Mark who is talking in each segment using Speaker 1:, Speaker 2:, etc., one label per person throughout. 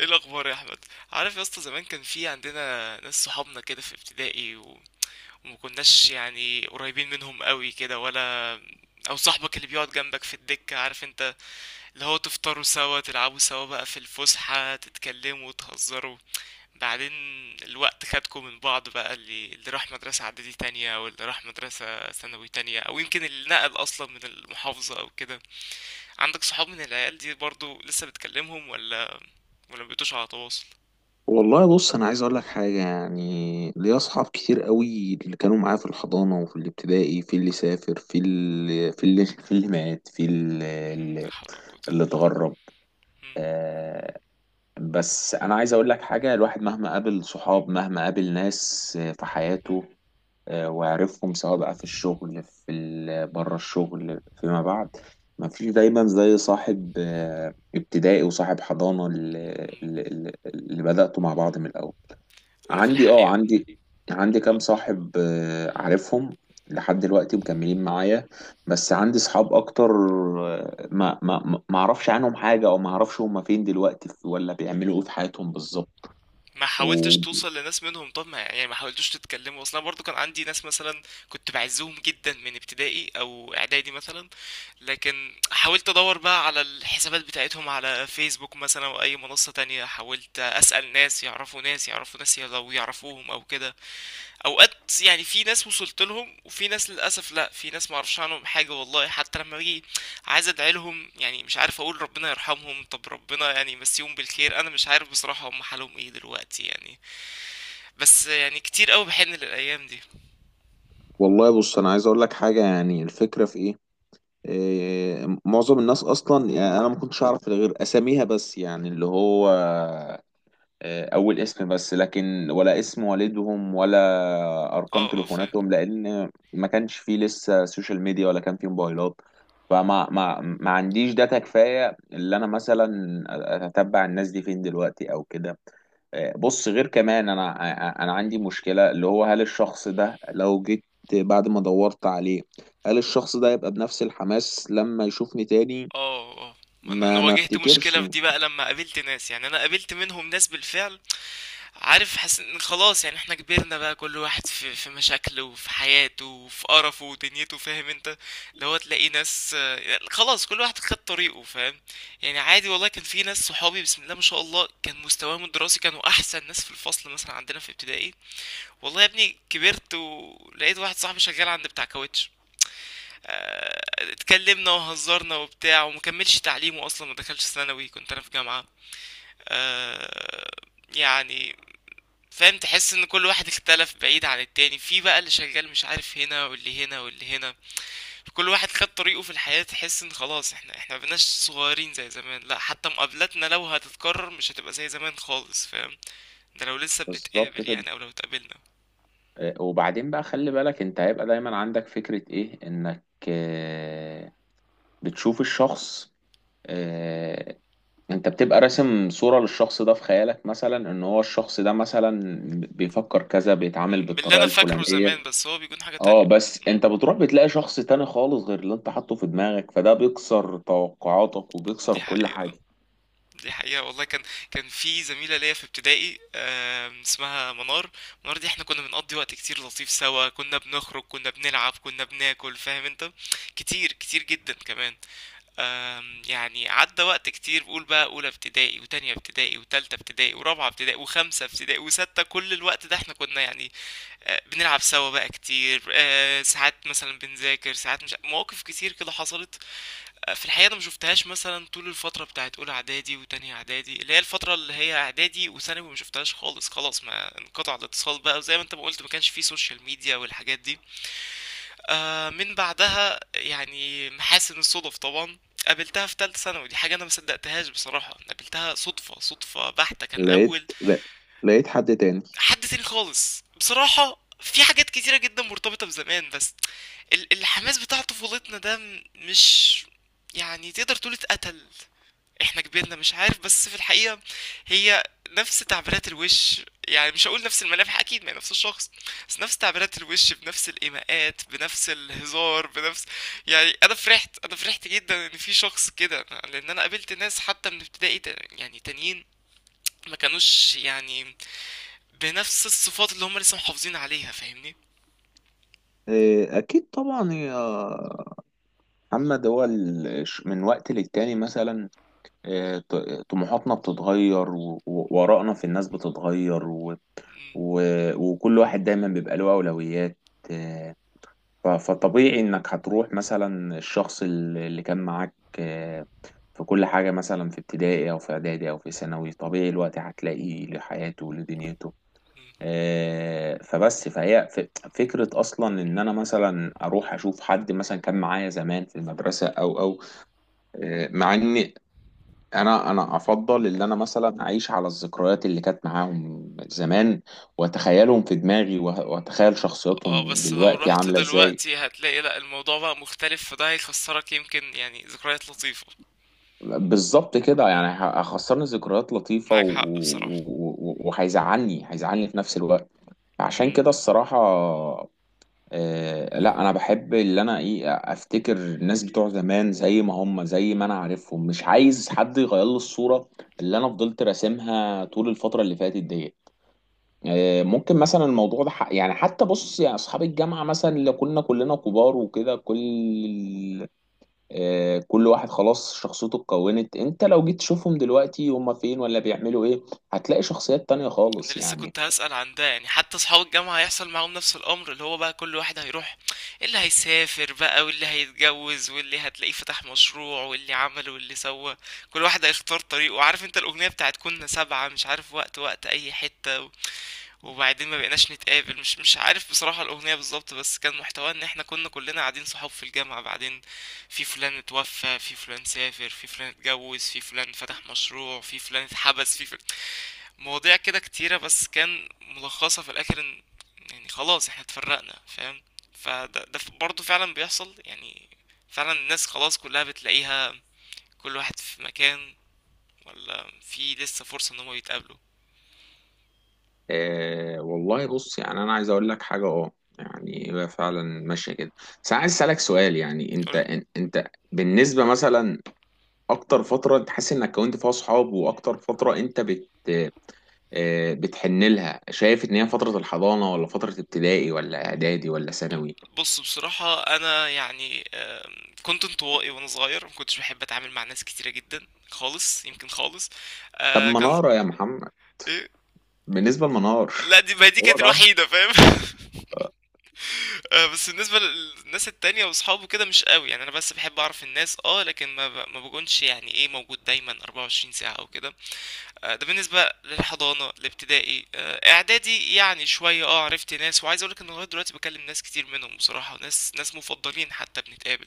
Speaker 1: ايه الاخبار يا احمد؟ عارف يا اسطى، زمان كان في عندنا ناس صحابنا كده في ابتدائي، و و...ما كناش يعني قريبين منهم قوي كده، ولا او صاحبك اللي بيقعد جنبك في الدكة عارف انت، اللي هو تفطروا سوا تلعبوا سوا بقى في الفسحة تتكلموا وتهزروا. بعدين الوقت خدكم من بعض، بقى اللي راح مدرسة اعدادي تانية او اللي راح مدرسة ثانوي تانية، او يمكن اللي نقل اصلا من المحافظة او كده. عندك صحاب من العيال دي برضو لسه بتكلمهم، ولا مبقيتوش على تواصل؟
Speaker 2: والله بص، انا عايز اقول لك حاجه. يعني ليا اصحاب كتير قوي اللي كانوا معايا في الحضانه وفي الابتدائي. في اللي سافر، في اللي مات، في اللي,
Speaker 1: لا
Speaker 2: اللي
Speaker 1: حول ولا قوة إلا
Speaker 2: اللي
Speaker 1: بالله.
Speaker 2: اتغرب.
Speaker 1: مم،
Speaker 2: آه، بس انا عايز اقول لك حاجه. الواحد مهما قابل صحاب مهما قابل ناس في حياته. وعرفهم سواء بقى في الشغل، في بره الشغل فيما بعد. ما فيش دايما زي صاحب ابتدائي وصاحب حضانه، اللي,
Speaker 1: مم.
Speaker 2: اللي, اللي اللي بدأتوا مع بعض من الاول.
Speaker 1: أنا في
Speaker 2: عندي اه
Speaker 1: الحقيقة
Speaker 2: عندي عندي
Speaker 1: آه،
Speaker 2: كام صاحب عارفهم لحد دلوقتي مكملين معايا. بس عندي صحاب اكتر ما اعرفش عنهم حاجة، او ما اعرفش هما فين دلوقتي ولا بيعملوا ايه في حياتهم بالظبط.
Speaker 1: ما حاولتش
Speaker 2: و...
Speaker 1: توصل لناس منهم؟ طب ما يعني ما حاولتوش تتكلموا أصلا برضو؟ كان عندي ناس مثلا كنت بعزهم جدا من ابتدائي أو إعدادي مثلا، لكن حاولت أدور بقى على الحسابات بتاعتهم على فيسبوك مثلا أو أي منصة تانية، حاولت أسأل ناس يعرفوا ناس يعرفوا ناس لو يعرفوهم أو كده. اوقات يعني في ناس وصلت لهم، وفي ناس للاسف لا، في ناس ما اعرفش عنهم حاجه والله. حتى لما باجي عايز ادعي لهم يعني مش عارف اقول ربنا يرحمهم طب ربنا يعني يمسيهم بالخير، انا مش عارف بصراحه هم حالهم ايه دلوقتي يعني. بس يعني كتير قوي بحن للايام دي.
Speaker 2: والله بص، انا عايز اقول لك حاجه. يعني الفكره في ايه؟ إيه، معظم الناس اصلا يعني انا ما كنتش اعرف غير اساميها بس، يعني اللي هو اول اسم بس، لكن ولا اسم والدهم ولا ارقام
Speaker 1: اه اه فاهم.
Speaker 2: تليفوناتهم، لان ما كانش فيه لسه سوشيال ميديا ولا كان فيه موبايلات. فما ما ما عنديش داتا كفايه اللي انا مثلا اتتبع الناس دي فين دلوقتي او كده. بص، غير كمان انا عندي مشكله. اللي هو هل الشخص ده لو جيت بعد ما دورت عليه، هل الشخص ده يبقى بنفس الحماس لما يشوفني تاني؟
Speaker 1: اه اه، ما انا
Speaker 2: ما
Speaker 1: واجهت
Speaker 2: افتكرش.
Speaker 1: مشكله في دي بقى لما قابلت ناس، يعني انا قابلت منهم ناس بالفعل، عارف؟ حاسس ان خلاص يعني احنا كبرنا بقى، كل واحد في مشاكله وفي حياته وفي قرفه ودنيته، فاهم انت؟ اللي هو تلاقي ناس، يعني خلاص كل واحد خد طريقه فاهم. يعني عادي والله، كان في ناس صحابي بسم الله ما شاء الله كان مستواهم الدراسي كانوا احسن ناس في الفصل مثلا عندنا في ابتدائي. والله يا ابني كبرت ولقيت واحد صاحبي شغال عند بتاع كاوتش. اتكلمنا وهزرنا وبتاع، ومكملش تعليمه اصلا ما دخلش ثانوي، كنت انا في جامعة. آه، يعني فاهم؟ تحس ان كل واحد اختلف بعيد عن التاني، في بقى اللي شغال مش عارف هنا، واللي هنا، واللي هنا. كل واحد خد طريقه في الحياة، تحس ان خلاص احنا مبقناش صغيرين زي زمان، لا حتى مقابلاتنا لو هتتكرر مش هتبقى زي زمان خالص فاهم. ده لو لسه
Speaker 2: بالظبط
Speaker 1: بنتقابل
Speaker 2: كده.
Speaker 1: يعني، او لو اتقابلنا.
Speaker 2: وبعدين بقى خلي بالك، انت هيبقى دايما عندك فكرة ايه انك بتشوف الشخص. آه، انت بتبقى راسم صورة للشخص ده في خيالك، مثلا ان هو الشخص ده مثلا بيفكر كذا بيتعامل
Speaker 1: باللي
Speaker 2: بالطريقة
Speaker 1: انا فاكره زمان،
Speaker 2: الفلانية.
Speaker 1: بس هو بيكون حاجة
Speaker 2: اه،
Speaker 1: تانية.
Speaker 2: بس
Speaker 1: م،
Speaker 2: انت بتروح بتلاقي شخص تاني خالص غير اللي انت حاطه في دماغك، فده بيكسر توقعاتك وبيكسر
Speaker 1: دي
Speaker 2: كل
Speaker 1: حقيقة.
Speaker 2: حاجة.
Speaker 1: دي حقيقة والله. كان في زميلة ليا في ابتدائي اسمها منار. منار دي احنا كنا بنقضي وقت كتير لطيف سوا، كنا بنخرج كنا بنلعب كنا بناكل فاهم انت، كتير كتير جدا كمان. يعني عدى وقت كتير، بقول بقى اولى ابتدائي وتانية ابتدائي وتالتة ابتدائي ورابعة ابتدائي وخمسة ابتدائي وستة، كل الوقت ده احنا كنا يعني بنلعب سوا بقى كتير، ساعات مثلا بنذاكر ساعات، مش مواقف كتير كده حصلت. في الحقيقة أنا ما شفتهاش مثلا طول الفترة بتاعت أولى إعدادي وتانية إعدادي، اللي هي الفترة اللي هي إعدادي وثانوي ما شفتهاش خالص، خلاص ما انقطع الاتصال بقى، وزي ما أنت ما قلت ما كانش فيه سوشيال ميديا والحاجات دي. آه من بعدها يعني محاسن الصدف طبعا قابلتها في تالتة ثانوي، دي حاجة أنا ما صدقتهاش بصراحة، قابلتها صدفة صدفة بحتة، كان
Speaker 2: لقيت،
Speaker 1: أول
Speaker 2: لا، لقيت حد تاني.
Speaker 1: حد تاني خالص بصراحة. في حاجات كتيرة جدا مرتبطة بزمان، بس الحماس بتاع طفولتنا ده مش، يعني تقدر تقول اتقتل. احنا كبرنا مش عارف، بس في الحقيقة هي نفس تعبيرات الوش، يعني مش هقول نفس الملامح اكيد، ما هي نفس الشخص، بس نفس تعبيرات الوش، بنفس الايماءات، بنفس الهزار، بنفس، يعني انا فرحت، انا فرحت جدا ان في شخص كده، لان انا قابلت ناس حتى من ابتدائي يعني تانيين ما كانوش يعني بنفس الصفات اللي هم لسه محافظين عليها فاهمني.
Speaker 2: إيه، اكيد طبعا يا محمد. هو من وقت للتاني مثلا آه، ط- طموحاتنا بتتغير، و- و- وآرائنا في الناس بتتغير، و...
Speaker 1: مم.
Speaker 2: و... وكل واحد دايما بيبقى له أولويات. آه، ف- فطبيعي إنك هتروح مثلا الشخص ال- اللي كان معاك آه، في كل حاجة مثلا في ابتدائي أو في إعدادي أو في ثانوي طبيعي الوقت هتلاقيه لحياته ولدنيته
Speaker 1: مم.
Speaker 2: فكرة أصلا إن أنا مثلا أروح أشوف حد مثلا كان معايا زمان في المدرسة أو مع إن انا افضل ان انا مثلا اعيش على الذكريات اللي كانت معاهم زمان، واتخيلهم في دماغي واتخيل
Speaker 1: اه
Speaker 2: شخصياتهم
Speaker 1: بس لو
Speaker 2: دلوقتي
Speaker 1: رحت
Speaker 2: عامله ازاي.
Speaker 1: دلوقتي هتلاقي لا، الموضوع بقى مختلف، فده هيخسرك يمكن يعني ذكريات لطيفة.
Speaker 2: بالظبط كده، يعني
Speaker 1: مم.
Speaker 2: هخسرني ذكريات لطيفه، و-
Speaker 1: معاك حق بصراحة.
Speaker 2: و- و- وهيزعلني هيزعلني في نفس الوقت. عشان
Speaker 1: مهم.
Speaker 2: كده الصراحه لا، انا بحب اللي انا ايه افتكر الناس بتوع زمان زي ما هم، زي ما انا عارفهم. مش عايز حد يغير لي الصوره اللي انا فضلت راسمها طول الفتره اللي فاتت دي. ممكن مثلا الموضوع ده يعني حتى بص يا اصحاب الجامعه مثلا، اللي كنا كلنا كبار وكده، كل واحد خلاص شخصيته اتكونت. انت لو جيت تشوفهم دلوقتي هم فين ولا بيعملوا ايه، هتلاقي شخصيات تانية خالص
Speaker 1: انا لسه
Speaker 2: يعني.
Speaker 1: كنت هسأل عن ده، يعني حتى اصحاب الجامعة هيحصل معاهم نفس الامر، اللي هو بقى كل واحد هيروح، اللي هيسافر بقى، واللي هيتجوز، واللي هتلاقيه فتح مشروع، واللي عمل، واللي سوى. كل واحد هيختار طريقه عارف انت. الاغنية بتاعت كنا سبعة مش عارف وقت وقت اي حتة وبعدين ما بقيناش نتقابل، مش عارف بصراحة الاغنية بالظبط، بس كان محتواها ان احنا كنا كلنا قاعدين صحاب في الجامعة، بعدين في فلان اتوفى، في فلان سافر، في فلان اتجوز، في فلان فتح مشروع، في فلان اتحبس، في فلان، مواضيع كده كتيرة، بس كان ملخصها في الآخر إن يعني خلاص احنا اتفرقنا فاهم. فده برضه فعلا بيحصل يعني. فعلا الناس خلاص كلها بتلاقيها كل واحد في مكان، ولا في لسه فرصة إن هما يتقابلوا؟
Speaker 2: والله بص، يعني انا عايز اقول لك حاجه. اه، يعني هي فعلا ماشيه كده. بس انا عايز اسالك سؤال، يعني انت
Speaker 1: قول.
Speaker 2: انت بالنسبه مثلا اكتر فتره انت حاسس انك كونت فيها اصحاب، واكتر فتره انت بت آه، بتحن لها، شايف ان هي فترة الحضانة ولا فترة ابتدائي ولا اعدادي ولا ثانوي؟
Speaker 1: بص بصراحة أنا يعني كنت انطوائي وأنا صغير، مكنتش بحب أتعامل مع ناس كتيرة جدا خالص يمكن خالص.
Speaker 2: طب
Speaker 1: كان
Speaker 2: منارة يا محمد؟
Speaker 1: إيه؟
Speaker 2: بالنسبة لمنار.
Speaker 1: لا دي ما دي
Speaker 2: هو
Speaker 1: كانت
Speaker 2: ده.
Speaker 1: الوحيدة فاهم بس بالنسبة للناس التانية واصحابه كده مش قوي يعني، انا بس بحب اعرف الناس اه، لكن ما بكونش يعني ايه موجود دايما 24 ساعة او كده. ده بالنسبة للحضانة الابتدائي. اعدادي يعني شوية اه عرفت ناس، وعايز اقولك ان لغاية دلوقتي بكلم ناس كتير منهم بصراحة، ناس مفضلين حتى بنتقابل.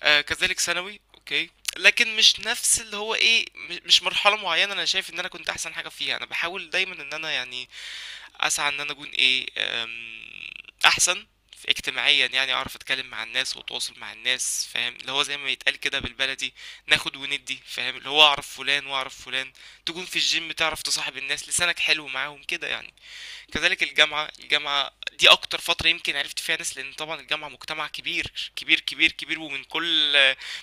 Speaker 1: كذلك ثانوي اوكي. لكن مش نفس اللي هو ايه مش مرحلة معينة، انا شايف ان انا كنت احسن حاجة فيها، انا بحاول دايما ان انا يعني اسعى ان انا اكون ايه، احسن في اجتماعيا يعني اعرف اتكلم مع الناس واتواصل مع الناس فاهم، اللي هو زي ما يتقال كده بالبلدي ناخد وندي فاهم، اللي هو اعرف فلان واعرف فلان، تكون في الجيم تعرف تصاحب الناس لسانك حلو معاهم كده يعني. كذلك الجامعة دي أكتر فترة يمكن عرفت فيها ناس، لأن طبعا الجامعة مجتمع كبير كبير كبير كبير، ومن كل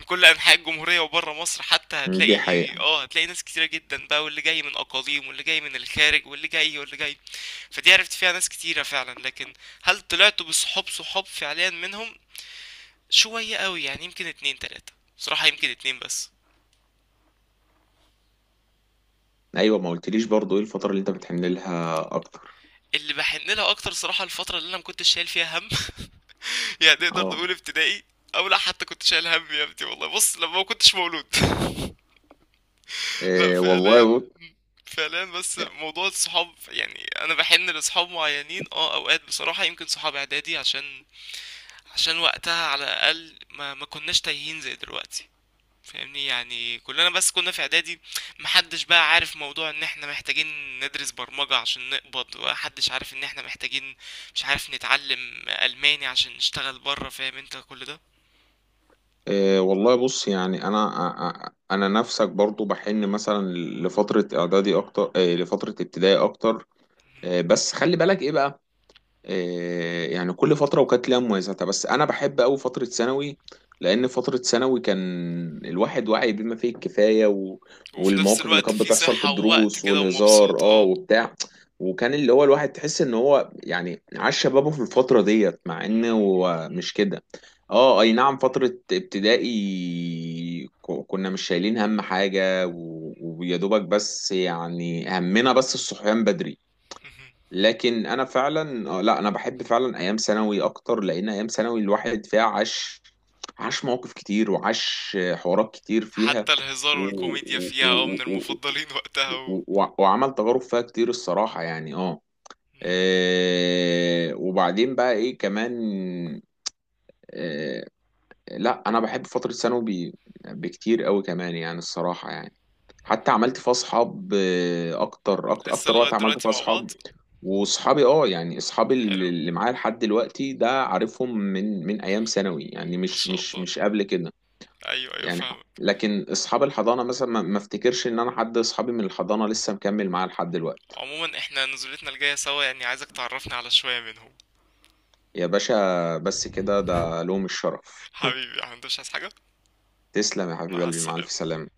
Speaker 1: من كل أنحاء الجمهورية وبره مصر حتى
Speaker 2: مم، دي
Speaker 1: هتلاقي.
Speaker 2: حقيقة.
Speaker 1: اه هتلاقي ناس كتيرة جدا بقى، واللي جاي من أقاليم، واللي جاي من الخارج، واللي جاي، واللي جاي. فدي عرفت فيها ناس كتيرة فعلا، لكن هل طلعت بصحاب صحاب فعليا منهم؟ شوية قوي يعني، يمكن اتنين تلاتة، بصراحة يمكن اتنين بس.
Speaker 2: ايوه، ما قلتليش برضو ايه الفترة اللي انت بتحن لها اكتر؟
Speaker 1: اللي بحن لها أكتر صراحة الفترة اللي أنا مكنتش شايل فيها هم، يعني نقدر
Speaker 2: اه،
Speaker 1: نقول ابتدائي. او لا حتى كنت شايل هم يا ابني، والله بص لما ما كنتش مولود لا
Speaker 2: آه، والله
Speaker 1: فعليا،
Speaker 2: بص
Speaker 1: فعليا بس موضوع الصحاب يعني انا بحن لصحاب معينين اه، اوقات بصراحة يمكن صحاب اعدادي، عشان وقتها على الاقل ما كناش تايهين زي دلوقتي فاهمني. يعني كلنا بس كنا في اعدادي محدش بقى عارف موضوع ان احنا محتاجين ندرس برمجة عشان نقبض، ومحدش عارف ان احنا محتاجين مش عارف نتعلم الماني عشان نشتغل بره فاهم انت كل ده.
Speaker 2: والله بص يعني انا آه، آه، انا نفسك برضو بحن، مثلا لفترة اعدادي اكتر، لفترة ابتدائي اكتر. بس خلي بالك ايه بقى. إيه، يعني كل فترة وكانت ليها مميزاتها، بس أنا بحب أوي فترة ثانوي. لأن فترة ثانوي كان الواحد واعي بما فيه الكفاية، و...
Speaker 1: وفي نفس
Speaker 2: والمواقف اللي
Speaker 1: الوقت
Speaker 2: كانت
Speaker 1: في
Speaker 2: بتحصل في
Speaker 1: صحة ووقت
Speaker 2: الدروس
Speaker 1: كده
Speaker 2: والهزار
Speaker 1: ومبسوط اه.
Speaker 2: وبتاع، وكان اللي هو الواحد تحس إن هو يعني عاش شبابه في الفترة ديت مع إنه
Speaker 1: مم.
Speaker 2: هو مش كده. اه، أي نعم فترة ابتدائي كنا مش شايلين هم حاجة، و... ويا دوبك بس يعني همنا بس الصحيان بدري.
Speaker 1: مهم.
Speaker 2: لكن انا فعلا لا انا بحب فعلا ايام ثانوي اكتر، لان ايام ثانوي الواحد فيها عاش، عاش مواقف كتير وعاش حوارات كتير فيها،
Speaker 1: حتى الهزار
Speaker 2: و...
Speaker 1: والكوميديا
Speaker 2: و...
Speaker 1: فيها اه من
Speaker 2: و... و...
Speaker 1: المفضلين وقتها و.
Speaker 2: و... وعمل تجارب فيها كتير الصراحة يعني.
Speaker 1: مم.
Speaker 2: وبعدين بقى ايه كمان. آه، لا انا بحب فترة ثانوي ب- بكتير قوي كمان يعني، الصراحة يعني. حتى عملت فيها اصحاب اكتر اكتر
Speaker 1: لسه
Speaker 2: اكتر وقت
Speaker 1: لغاية
Speaker 2: عملت
Speaker 1: دلوقتي
Speaker 2: فيها
Speaker 1: مع
Speaker 2: اصحاب.
Speaker 1: بعض.
Speaker 2: واصحابي اه يعني اصحابي اللي
Speaker 1: حلو.
Speaker 2: اللي معايا لحد دلوقتي ده عارفهم من
Speaker 1: من...
Speaker 2: ايام ثانوي، يعني
Speaker 1: ما
Speaker 2: مش
Speaker 1: شاء
Speaker 2: مش
Speaker 1: الله.
Speaker 2: مش قبل كده.
Speaker 1: ايوه ايوه
Speaker 2: يعني
Speaker 1: فاهمك.
Speaker 2: لكن اصحاب الحضانه مثلا ما افتكرش ان انا حد اصحابي من الحضانه لسه مكمل معاه لحد دلوقتي.
Speaker 1: عموما احنا نزولتنا الجاية سوا، يعني عايزك تعرفني على شوية منهم.
Speaker 2: يا باشا، بس كده ده لهم الشرف.
Speaker 1: حبيبي يا أحمد، مش عايز حاجة.
Speaker 2: تسلم يا حبيب
Speaker 1: مع
Speaker 2: قلبي، مع الف
Speaker 1: السلامة.
Speaker 2: سلامه.